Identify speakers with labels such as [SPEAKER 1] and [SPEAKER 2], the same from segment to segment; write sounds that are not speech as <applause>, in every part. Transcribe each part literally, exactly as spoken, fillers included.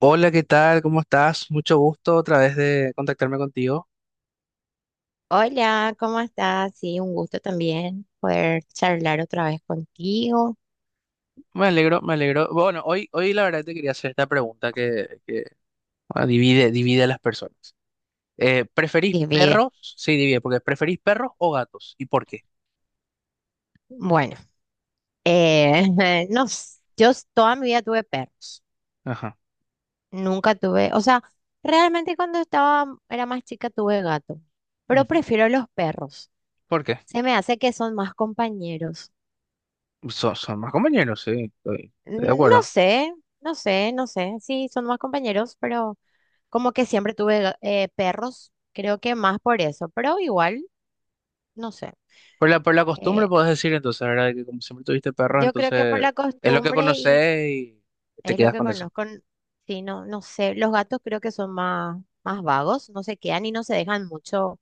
[SPEAKER 1] Hola, ¿qué tal? ¿Cómo estás? Mucho gusto otra vez de contactarme contigo.
[SPEAKER 2] Hola, ¿cómo estás? Sí, un gusto también poder charlar otra vez contigo.
[SPEAKER 1] Me alegro, me alegro. Bueno, hoy, hoy la verdad te quería hacer esta pregunta que, que, ah, divide, divide a las personas. Eh, ¿preferís
[SPEAKER 2] Divide.
[SPEAKER 1] perros? Sí, divide, porque ¿preferís perros o gatos? ¿Y por qué?
[SPEAKER 2] Bueno, eh, <laughs> no, s- yo s- toda mi vida tuve perros.
[SPEAKER 1] Ajá.
[SPEAKER 2] Nunca tuve, o sea, realmente cuando estaba, era más chica tuve gato, pero
[SPEAKER 1] Ujú.
[SPEAKER 2] prefiero los perros.
[SPEAKER 1] ¿Por qué?
[SPEAKER 2] Se me hace que son más compañeros.
[SPEAKER 1] Son, son más compañeros, sí, estoy, estoy de
[SPEAKER 2] N- No
[SPEAKER 1] acuerdo.
[SPEAKER 2] sé, no sé, no sé. Sí, son más compañeros, pero como que siempre tuve ga- eh, perros, creo que más por eso, pero igual, no sé.
[SPEAKER 1] Por la, por la costumbre
[SPEAKER 2] eh,
[SPEAKER 1] podés decir entonces, ¿verdad? Que como siempre tuviste perros,
[SPEAKER 2] Yo creo que por
[SPEAKER 1] entonces
[SPEAKER 2] la
[SPEAKER 1] es lo que
[SPEAKER 2] costumbre y
[SPEAKER 1] conocés y te
[SPEAKER 2] es lo
[SPEAKER 1] quedas
[SPEAKER 2] que
[SPEAKER 1] con eso.
[SPEAKER 2] conozco, n- sí, no, no sé, los gatos creo que son más, más vagos, no se quedan y no se dejan mucho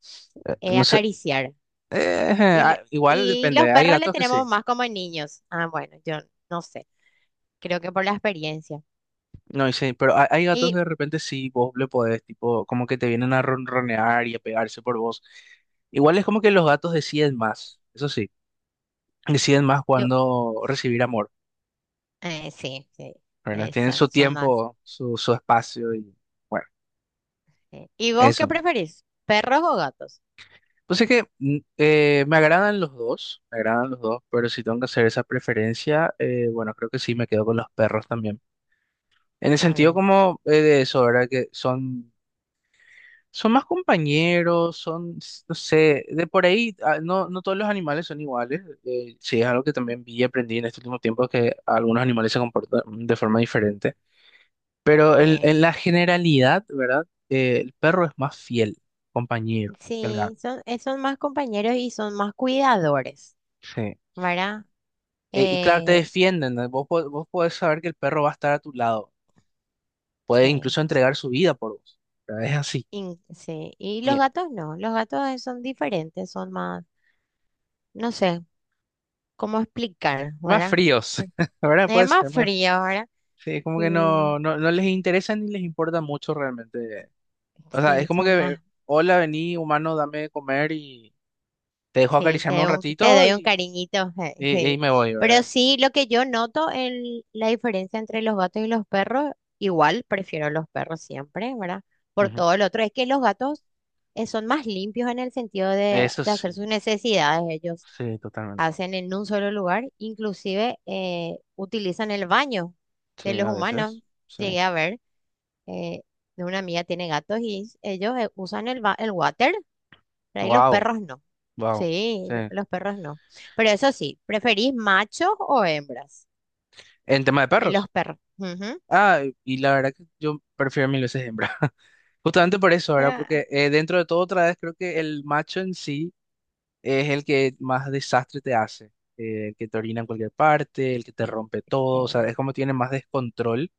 [SPEAKER 2] eh,
[SPEAKER 1] No sé,
[SPEAKER 2] acariciar.
[SPEAKER 1] eh,
[SPEAKER 2] Y, lo-
[SPEAKER 1] ah, igual
[SPEAKER 2] y los
[SPEAKER 1] depende, hay
[SPEAKER 2] perros le
[SPEAKER 1] gatos que
[SPEAKER 2] tenemos
[SPEAKER 1] sí.
[SPEAKER 2] más como niños. Ah, bueno, yo no sé, creo que por la experiencia.
[SPEAKER 1] No, y sí, pero hay, hay gatos
[SPEAKER 2] Y
[SPEAKER 1] que de repente sí, vos le podés, tipo, como que te vienen a ronronear y a pegarse por vos. Igual es como que los gatos deciden más, eso sí, deciden más
[SPEAKER 2] yo,
[SPEAKER 1] cuando recibir amor,
[SPEAKER 2] eh, sí, sí,
[SPEAKER 1] ¿verdad? Tienen
[SPEAKER 2] esa-
[SPEAKER 1] su
[SPEAKER 2] son más.
[SPEAKER 1] tiempo, su, su espacio y bueno,
[SPEAKER 2] eh. ¿Y vos qué
[SPEAKER 1] eso.
[SPEAKER 2] preferís? ¿Perros o gatos?
[SPEAKER 1] Pues es que mm, eh, me agradan los dos, me agradan los dos, pero si tengo que hacer esa preferencia, eh, bueno, creo que sí, me quedo con los perros también. En el sentido
[SPEAKER 2] También.
[SPEAKER 1] como eh, de eso, ¿verdad? Que son son más compañeros, son, s- no sé, de por ahí, ah, no, no todos los animales son iguales. Eh, sí, es algo que también vi y aprendí en este último tiempo, que algunos animales se comportan de forma diferente. Pero el-
[SPEAKER 2] eh,
[SPEAKER 1] en la generalidad, ¿verdad? Eh, el perro es más fiel, compañero, que el
[SPEAKER 2] Sí,
[SPEAKER 1] gato.
[SPEAKER 2] son, eh, son más compañeros y son más cuidadores,
[SPEAKER 1] Sí.
[SPEAKER 2] ¿verdad?
[SPEAKER 1] E- y claro, te
[SPEAKER 2] Eh,
[SPEAKER 1] defienden, ¿no? Vos, po- vos podés saber que el perro va a estar a tu lado, puede
[SPEAKER 2] Sí,
[SPEAKER 1] incluso entregar su vida por vos. ¿Verdad? Es así.
[SPEAKER 2] in- sí. Y los
[SPEAKER 1] Y-
[SPEAKER 2] gatos no, los gatos eh, son diferentes, son más, no sé cómo explicar,
[SPEAKER 1] más
[SPEAKER 2] ¿verdad?
[SPEAKER 1] fríos,
[SPEAKER 2] Por-
[SPEAKER 1] <laughs> ¿verdad?
[SPEAKER 2] Es
[SPEAKER 1] Puede
[SPEAKER 2] más
[SPEAKER 1] ser más
[SPEAKER 2] frío, ¿verdad?
[SPEAKER 1] sí, es como que no,
[SPEAKER 2] Sí,
[SPEAKER 1] no, no les interesa ni les importa mucho realmente. O sea, es
[SPEAKER 2] sí,
[SPEAKER 1] como
[SPEAKER 2] son
[SPEAKER 1] que,
[SPEAKER 2] más,
[SPEAKER 1] hola, vení, humano, dame de comer y te dejo
[SPEAKER 2] sí, te
[SPEAKER 1] acariciarme un
[SPEAKER 2] doy un, te
[SPEAKER 1] ratito
[SPEAKER 2] doy un
[SPEAKER 1] y,
[SPEAKER 2] cariñito, <laughs> eh,
[SPEAKER 1] y, y
[SPEAKER 2] sí.
[SPEAKER 1] me voy,
[SPEAKER 2] Pero
[SPEAKER 1] ¿verdad?
[SPEAKER 2] sí, lo que yo noto, el, la diferencia entre los gatos y los perros, igual prefiero los perros siempre, ¿verdad? Por
[SPEAKER 1] Ujú.
[SPEAKER 2] todo lo otro, es que los gatos eh, son más limpios en el sentido de,
[SPEAKER 1] Eso
[SPEAKER 2] de hacer
[SPEAKER 1] sí,
[SPEAKER 2] sus necesidades ellos
[SPEAKER 1] sí, totalmente.
[SPEAKER 2] hacen en un solo lugar, inclusive eh, utilizan el baño
[SPEAKER 1] Sí,
[SPEAKER 2] de los
[SPEAKER 1] a
[SPEAKER 2] humanos.
[SPEAKER 1] veces, sí.
[SPEAKER 2] Llegué a ver, eh, de una amiga tiene gatos y ellos eh, usan el, ba- el water, pero ahí los
[SPEAKER 1] Wow,
[SPEAKER 2] perros no.
[SPEAKER 1] wow,
[SPEAKER 2] Sí, lo-
[SPEAKER 1] sí.
[SPEAKER 2] los perros no. Pero eso sí, ¿preferís machos o hembras
[SPEAKER 1] En tema de
[SPEAKER 2] en los
[SPEAKER 1] perros.
[SPEAKER 2] perros? Ujú.
[SPEAKER 1] Ah, y la verdad que yo prefiero mil veces hembra. <laughs> Justamente por eso, ¿verdad?
[SPEAKER 2] Ya.
[SPEAKER 1] Porque eh, dentro de todo, otra vez creo que el macho en sí. Es el que más desastre te hace, eh, el que te orina en cualquier parte, el que te
[SPEAKER 2] Pues,
[SPEAKER 1] rompe todo, o sea,
[SPEAKER 2] Eh,
[SPEAKER 1] es como tiene más descontrol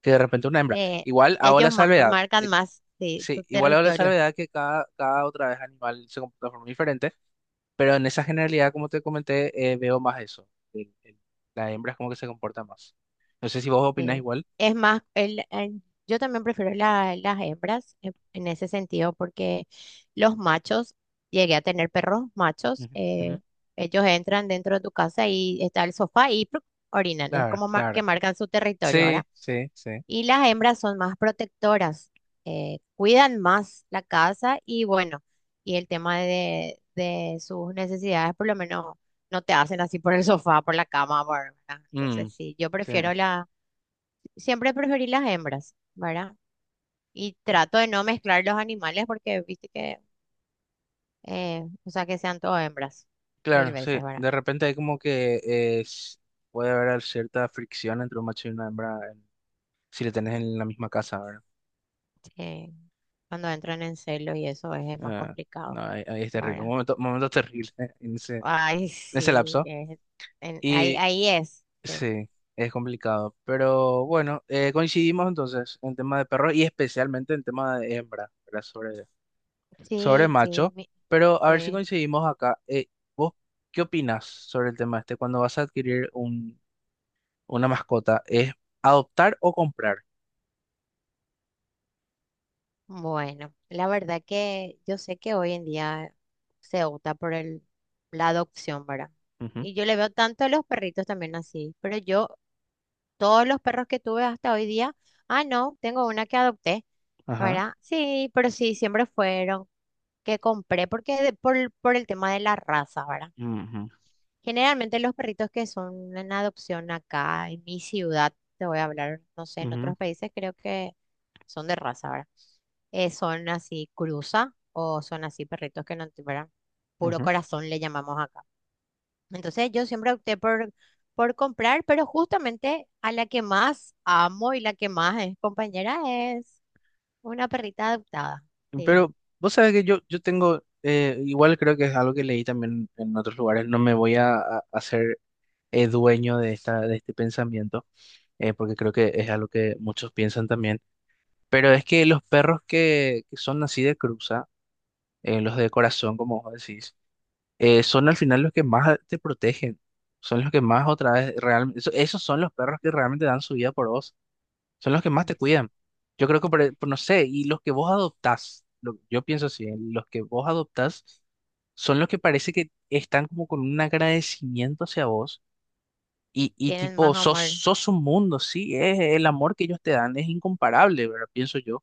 [SPEAKER 1] que de repente una hembra.
[SPEAKER 2] eh,
[SPEAKER 1] Igual hago la
[SPEAKER 2] Ellos ma-
[SPEAKER 1] salvedad,
[SPEAKER 2] marcan
[SPEAKER 1] de-
[SPEAKER 2] más sí,
[SPEAKER 1] sí,
[SPEAKER 2] su
[SPEAKER 1] igual hago la
[SPEAKER 2] territorio.
[SPEAKER 1] salvedad que cada, cada otra vez animal se comporta de forma diferente, pero en esa generalidad, como te comenté, eh, veo más eso, el- el- la hembra es como que se comporta más. No sé si vos opinás
[SPEAKER 2] Sí.
[SPEAKER 1] igual.
[SPEAKER 2] Es más, el, el- yo también prefiero la- las hembras en, en ese sentido porque los machos, llegué a tener perros machos,
[SPEAKER 1] Ujú, ujú.
[SPEAKER 2] eh, ellos entran dentro de tu casa y está el sofá y ¡pruc! Orinan, es
[SPEAKER 1] Claro,
[SPEAKER 2] como ma- que
[SPEAKER 1] claro.
[SPEAKER 2] marcan su territorio
[SPEAKER 1] Sí,
[SPEAKER 2] ahora.
[SPEAKER 1] sí, sí.
[SPEAKER 2] Y las hembras son más protectoras, eh, cuidan más la casa y bueno, y el tema de, de sus necesidades por lo menos no te hacen así por el sofá, por la cama, por- ¿verdad? Entonces
[SPEAKER 1] Mm,
[SPEAKER 2] sí, yo
[SPEAKER 1] sí.
[SPEAKER 2] prefiero siempre. Preferí las hembras, ¿verdad? Y trato de no mezclar los animales porque viste que, eh, o sea, que sean todo hembras, mil
[SPEAKER 1] Claro, sí.
[SPEAKER 2] veces, ¿verdad?
[SPEAKER 1] De repente hay como que eh, s- puede haber cierta fricción entre un macho y una hembra en- si le tenés en la misma casa, ¿verdad?
[SPEAKER 2] Eh, cuando entran en celo y eso es, eh, más
[SPEAKER 1] Ah, no,
[SPEAKER 2] complicado,
[SPEAKER 1] ahí, ahí es terrible. Un
[SPEAKER 2] ¿verdad?
[SPEAKER 1] momento, momento terrible <laughs> en ese, en
[SPEAKER 2] Ay,
[SPEAKER 1] ese
[SPEAKER 2] sí,
[SPEAKER 1] lapso.
[SPEAKER 2] es- en- ahí,
[SPEAKER 1] Y
[SPEAKER 2] ahí es. Sí,
[SPEAKER 1] sí, es complicado. Pero bueno, eh, coincidimos entonces en tema de perros y especialmente en tema de hembra, ¿verdad? Sobre, sobre
[SPEAKER 2] sí, sí,
[SPEAKER 1] macho.
[SPEAKER 2] mi-
[SPEAKER 1] Pero a ver si
[SPEAKER 2] sí.
[SPEAKER 1] coincidimos acá. Eh, ¿vos qué opinás sobre el tema este? Cuando vas a adquirir un, una mascota, ¿es adoptar o comprar?
[SPEAKER 2] Bueno, la verdad que yo sé que hoy en día se opta por el, la adopción, ¿verdad?
[SPEAKER 1] Ujú,
[SPEAKER 2] Y yo le veo tanto a los perritos también así, pero yo, todos los perros que tuve hasta hoy día, ah, no, tengo una que adopté,
[SPEAKER 1] ajá.
[SPEAKER 2] ¿verdad? Sí, pero sí, siempre fueron que compré, porque de- por, el- por el tema de la raza, ¿verdad?
[SPEAKER 1] Ujú,
[SPEAKER 2] Generalmente los perritos que son en adopción acá, en mi ciudad, te voy a hablar, no sé, en
[SPEAKER 1] ujú,
[SPEAKER 2] otros países creo que son de raza, ¿verdad? Eh, son así cruza o son así perritos que no, te- ¿verdad? Puro
[SPEAKER 1] ujú.
[SPEAKER 2] corazón le llamamos acá. Entonces yo siempre opté por, por comprar, pero justamente a la que más amo y la que más es compañera es una perrita adoptada. Sí,
[SPEAKER 1] Pero vos sabés que yo, yo tengo, eh, igual creo que es algo que leí también en otros lugares, no me voy a, a- a ser eh, dueño de esta, de este pensamiento, eh, porque creo que es algo que muchos piensan también, pero es que los perros que, que son así de cruza, eh, los de corazón, como vos decís, eh, son al final los que más te protegen, son los que más otra vez realmente, esos son los perros que realmente dan su vida por vos. Son los que más te
[SPEAKER 2] es-
[SPEAKER 1] cuidan. Yo creo que, por, e, por- no sé, y los que vos adoptás, lo- yo pienso así, ¿eh? Los que vos adoptás son los que parece que están como con un agradecimiento hacia vos y, y
[SPEAKER 2] tienen
[SPEAKER 1] tipo,
[SPEAKER 2] más
[SPEAKER 1] sos,
[SPEAKER 2] amor.
[SPEAKER 1] sos un mundo, sí, es el amor que ellos te dan, es incomparable, ¿verdad? Pienso yo.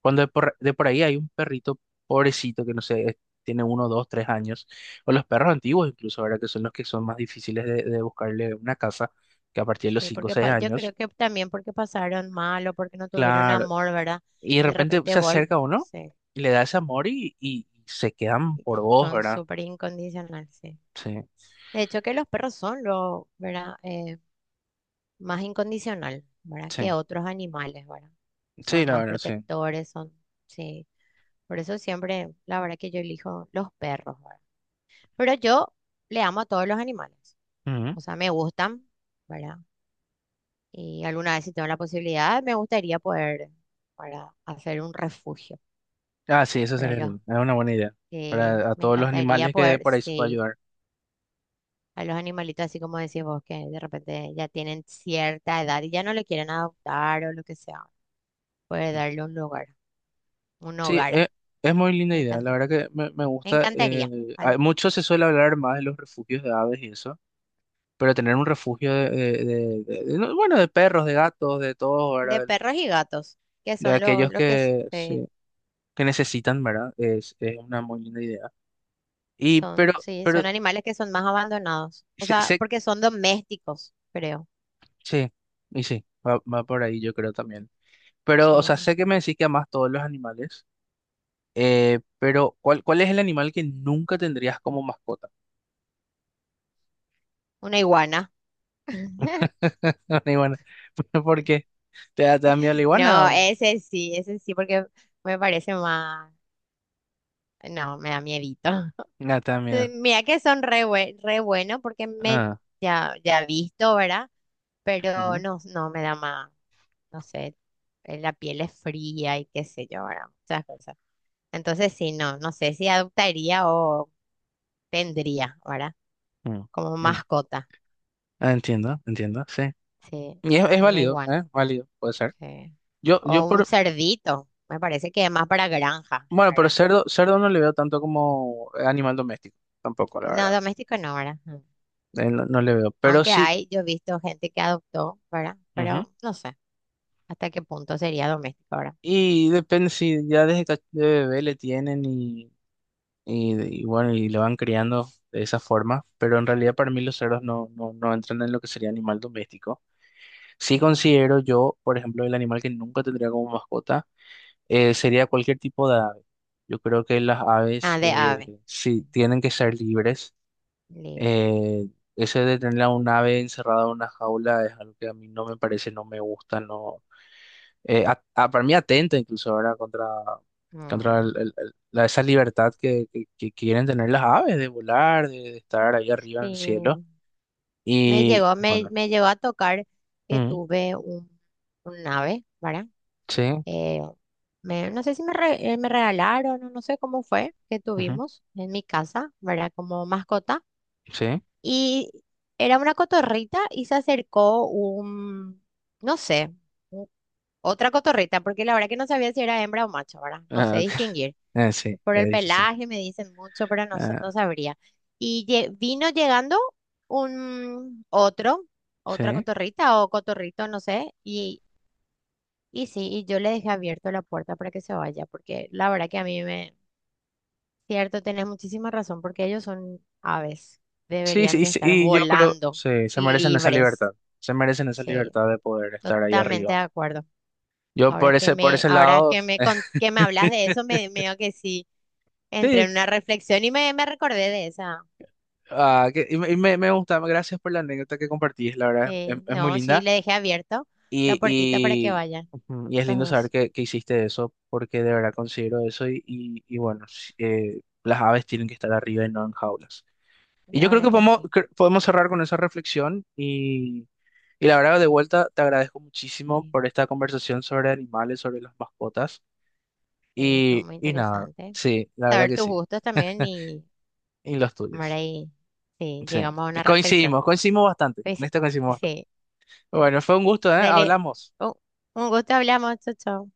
[SPEAKER 1] Cuando de por, de por ahí hay un perrito pobrecito que no sé, es- tiene uno, dos, tres años, o los perros antiguos incluso, ¿verdad? Que son los que son más difíciles de, de buscarle una casa, que a partir de los
[SPEAKER 2] Sí,
[SPEAKER 1] cinco o
[SPEAKER 2] porque
[SPEAKER 1] seis
[SPEAKER 2] pa- yo creo
[SPEAKER 1] años.
[SPEAKER 2] que también porque pasaron mal o porque no tuvieron
[SPEAKER 1] Claro.
[SPEAKER 2] amor, ¿verdad?
[SPEAKER 1] Y de
[SPEAKER 2] De
[SPEAKER 1] repente
[SPEAKER 2] repente
[SPEAKER 1] se
[SPEAKER 2] vol,
[SPEAKER 1] acerca uno
[SPEAKER 2] sí,
[SPEAKER 1] y le da ese amor y, y se quedan por vos,
[SPEAKER 2] son
[SPEAKER 1] ¿verdad?
[SPEAKER 2] súper incondicionales, sí.
[SPEAKER 1] Sí,
[SPEAKER 2] De hecho que los perros son lo, ¿verdad? Eh, más incondicional, ¿verdad? Que
[SPEAKER 1] sí,
[SPEAKER 2] otros animales, ¿verdad?
[SPEAKER 1] sí,
[SPEAKER 2] Son
[SPEAKER 1] la
[SPEAKER 2] más
[SPEAKER 1] verdad, sí.
[SPEAKER 2] protectores, son, sí. Por eso siempre, la verdad que yo elijo los perros, ¿verdad? Pero yo le amo a todos los animales,
[SPEAKER 1] Ujú.
[SPEAKER 2] o sea, me gustan, ¿verdad? Y alguna vez si tengo la posibilidad, me gustaría poder, para hacer un refugio
[SPEAKER 1] Ah, sí, eso
[SPEAKER 2] para
[SPEAKER 1] sería
[SPEAKER 2] los,
[SPEAKER 1] lindo. Es una buena idea
[SPEAKER 2] eh,
[SPEAKER 1] para a
[SPEAKER 2] me
[SPEAKER 1] todos los
[SPEAKER 2] encantaría
[SPEAKER 1] animales que
[SPEAKER 2] poder,
[SPEAKER 1] por ahí se puede
[SPEAKER 2] sí,
[SPEAKER 1] ayudar.
[SPEAKER 2] a los animalitos, así como decís vos, que de repente ya tienen cierta edad y ya no le quieren adoptar o lo que sea, poder
[SPEAKER 1] Sí,
[SPEAKER 2] darle un lugar. Un
[SPEAKER 1] sí,
[SPEAKER 2] hogar.
[SPEAKER 1] es, es muy linda
[SPEAKER 2] Me
[SPEAKER 1] idea. La
[SPEAKER 2] encanta.
[SPEAKER 1] verdad que me, me
[SPEAKER 2] Me
[SPEAKER 1] gusta.
[SPEAKER 2] encantaría.
[SPEAKER 1] Eh, hay-
[SPEAKER 2] Al-
[SPEAKER 1] mucho se suele hablar más de los refugios de aves y eso, pero tener un refugio de, de- de- de- de- no, bueno, de perros, de gatos, de todos,
[SPEAKER 2] De
[SPEAKER 1] ¿verdad? De,
[SPEAKER 2] perros y gatos, que
[SPEAKER 1] de
[SPEAKER 2] son los,
[SPEAKER 1] aquellos
[SPEAKER 2] los que
[SPEAKER 1] que,
[SPEAKER 2] se-
[SPEAKER 1] sí, que necesitan, ¿verdad? Es, es una muy linda idea. Y
[SPEAKER 2] son,
[SPEAKER 1] pero,
[SPEAKER 2] sí, son
[SPEAKER 1] pero,
[SPEAKER 2] animales que son más abandonados. O
[SPEAKER 1] sé,
[SPEAKER 2] sea,
[SPEAKER 1] sé-
[SPEAKER 2] porque son domésticos, creo.
[SPEAKER 1] sí, y sí, va, va por ahí yo creo también. Pero, o sea,
[SPEAKER 2] Sí.
[SPEAKER 1] sé que me decís que amás todos los animales, eh, pero ¿cuál, cuál es el animal que nunca tendrías como mascota?
[SPEAKER 2] Una iguana. <laughs>
[SPEAKER 1] <laughs> Una iguana. <laughs> ¿Por qué? ¿Te da, te da miedo la iguana
[SPEAKER 2] No,
[SPEAKER 1] o...?
[SPEAKER 2] ese sí, ese sí, porque me parece más. No, me da miedito. <laughs>
[SPEAKER 1] No, te da
[SPEAKER 2] Sí,
[SPEAKER 1] miedo.
[SPEAKER 2] mira que son re, bue- re bueno porque me
[SPEAKER 1] Ah,
[SPEAKER 2] ya, ya he visto, ¿verdad? Pero
[SPEAKER 1] ujú,
[SPEAKER 2] no, no me da más, no sé, eh, la piel es fría y qué sé yo, ¿verdad? Muchas cosas. Entonces, sí, no, no sé si adoptaría o tendría, ¿verdad?
[SPEAKER 1] mm.
[SPEAKER 2] Como
[SPEAKER 1] En-
[SPEAKER 2] mascota,
[SPEAKER 1] ah, entiendo, entiendo, sí.
[SPEAKER 2] sí,
[SPEAKER 1] Y es, es
[SPEAKER 2] una
[SPEAKER 1] válido,
[SPEAKER 2] iguana,
[SPEAKER 1] ¿eh? Válido, puede ser.
[SPEAKER 2] sí.
[SPEAKER 1] Yo, yo
[SPEAKER 2] O un
[SPEAKER 1] por...
[SPEAKER 2] cerdito, me parece que es más para granja,
[SPEAKER 1] Bueno, pero
[SPEAKER 2] ¿verdad?
[SPEAKER 1] cerdo, cerdo no le veo tanto como animal doméstico, tampoco, la
[SPEAKER 2] No,
[SPEAKER 1] verdad.
[SPEAKER 2] doméstico no, ¿verdad? Mm.
[SPEAKER 1] Eh, No, no le veo. Pero
[SPEAKER 2] Aunque
[SPEAKER 1] sí,
[SPEAKER 2] hay, yo he visto gente que adoptó, ¿verdad?
[SPEAKER 1] ujú.
[SPEAKER 2] Pero no sé hasta qué punto sería doméstico, ¿verdad?
[SPEAKER 1] Y depende si ya desde cach- de bebé le tienen y, y, y bueno, y le van criando de esa forma. Pero en realidad para mí los cerdos no, no, no entran en lo que sería animal doméstico. Sí
[SPEAKER 2] Mm.
[SPEAKER 1] considero yo, por ejemplo, el animal que nunca tendría como mascota eh, sería cualquier tipo de ave. Yo creo que las aves
[SPEAKER 2] Ah, de
[SPEAKER 1] eh,
[SPEAKER 2] ave.
[SPEAKER 1] sí tienen que ser libres.
[SPEAKER 2] Li-
[SPEAKER 1] Eh, ese de tener a un ave encerrada en una jaula es algo que a mí no me parece, no me gusta, no, eh, a- a- para mí atenta incluso, ¿verdad? Contra, contra
[SPEAKER 2] mm.
[SPEAKER 1] el- el- el- la, esa libertad que, que- que quieren tener las aves de volar, de, de estar ahí arriba
[SPEAKER 2] Sí,
[SPEAKER 1] en el cielo.
[SPEAKER 2] me
[SPEAKER 1] Y
[SPEAKER 2] llegó,
[SPEAKER 1] y
[SPEAKER 2] me,
[SPEAKER 1] bueno,
[SPEAKER 2] me llegó a tocar que
[SPEAKER 1] mm,
[SPEAKER 2] tuve un, un ave, ¿verdad?
[SPEAKER 1] sí,
[SPEAKER 2] Eh, Me, no sé si me, re- eh, me regalaron o no sé cómo fue que
[SPEAKER 1] ujú,
[SPEAKER 2] tuvimos en mi casa, ¿verdad? Como mascota.
[SPEAKER 1] sí,
[SPEAKER 2] Y era una cotorrita y se acercó un, no sé, u- otra cotorrita, porque la verdad que no sabía si era hembra o macho, ¿verdad? No sé
[SPEAKER 1] ah, ok, <laughs>
[SPEAKER 2] distinguir.
[SPEAKER 1] eh, sí,
[SPEAKER 2] Por el
[SPEAKER 1] es difícil.
[SPEAKER 2] pelaje me dicen mucho, pero no, sa- no
[SPEAKER 1] Ah,
[SPEAKER 2] sabría. Y lle- vino llegando un otro, otra
[SPEAKER 1] sí,
[SPEAKER 2] cotorrita o cotorrito, no sé, y y sí, y yo le dejé abierto la puerta para que se vaya, porque la verdad que a mí me... Cierto, tenés muchísima razón, porque ellos son aves,
[SPEAKER 1] sí,
[SPEAKER 2] deberían
[SPEAKER 1] sí,
[SPEAKER 2] de
[SPEAKER 1] sí,
[SPEAKER 2] estar
[SPEAKER 1] y yo creo,
[SPEAKER 2] volando,
[SPEAKER 1] sí, se merecen esa libertad,
[SPEAKER 2] libres.
[SPEAKER 1] se merecen esa
[SPEAKER 2] Sí,
[SPEAKER 1] libertad de poder estar ahí
[SPEAKER 2] totalmente de
[SPEAKER 1] arriba.
[SPEAKER 2] acuerdo.
[SPEAKER 1] Yo
[SPEAKER 2] Ahora
[SPEAKER 1] por
[SPEAKER 2] que
[SPEAKER 1] ese, por
[SPEAKER 2] me,
[SPEAKER 1] ese
[SPEAKER 2] ahora
[SPEAKER 1] lado,
[SPEAKER 2] que me, con-
[SPEAKER 1] <laughs>
[SPEAKER 2] Que me hablas de eso, me medio que sí, entré
[SPEAKER 1] sí,
[SPEAKER 2] en una reflexión y me, me recordé de esa.
[SPEAKER 1] ah, que- y, me, y me- me gusta, gracias por la anécdota que compartís, la verdad es es-
[SPEAKER 2] Sí,
[SPEAKER 1] es muy
[SPEAKER 2] no, sí,
[SPEAKER 1] linda.
[SPEAKER 2] le dejé abierto la
[SPEAKER 1] Y,
[SPEAKER 2] puertita para que
[SPEAKER 1] y,
[SPEAKER 2] vayan
[SPEAKER 1] ujú, y es
[SPEAKER 2] los
[SPEAKER 1] lindo saber
[SPEAKER 2] dos.
[SPEAKER 1] que, que hiciste eso, porque de verdad considero eso. Y, y, y bueno, s- eh, las aves tienen que estar arriba y no en jaulas. Y
[SPEAKER 2] La
[SPEAKER 1] yo creo
[SPEAKER 2] verdad
[SPEAKER 1] que
[SPEAKER 2] que
[SPEAKER 1] podemos,
[SPEAKER 2] sí.
[SPEAKER 1] cre- podemos cerrar con esa reflexión. Y, y la verdad, de vuelta, te agradezco muchísimo
[SPEAKER 2] Sí,
[SPEAKER 1] por esta conversación sobre animales, sobre las mascotas.
[SPEAKER 2] sí, estuvo
[SPEAKER 1] Y,
[SPEAKER 2] muy
[SPEAKER 1] y nada,
[SPEAKER 2] interesante.
[SPEAKER 1] sí, la verdad
[SPEAKER 2] Saber
[SPEAKER 1] que
[SPEAKER 2] tus
[SPEAKER 1] sí.
[SPEAKER 2] gustos también y...
[SPEAKER 1] Y los
[SPEAKER 2] Ahora
[SPEAKER 1] tuyos.
[SPEAKER 2] ahí, sí,
[SPEAKER 1] Sí,
[SPEAKER 2] llegamos a una reflexión.
[SPEAKER 1] coincidimos, coincidimos bastante. En
[SPEAKER 2] Pues,
[SPEAKER 1] esto coincidimos bastante.
[SPEAKER 2] sí,
[SPEAKER 1] Bueno, fue un gusto, ¿eh?
[SPEAKER 2] dale,
[SPEAKER 1] Hablamos.
[SPEAKER 2] un, un gusto hablamos, chao, chao.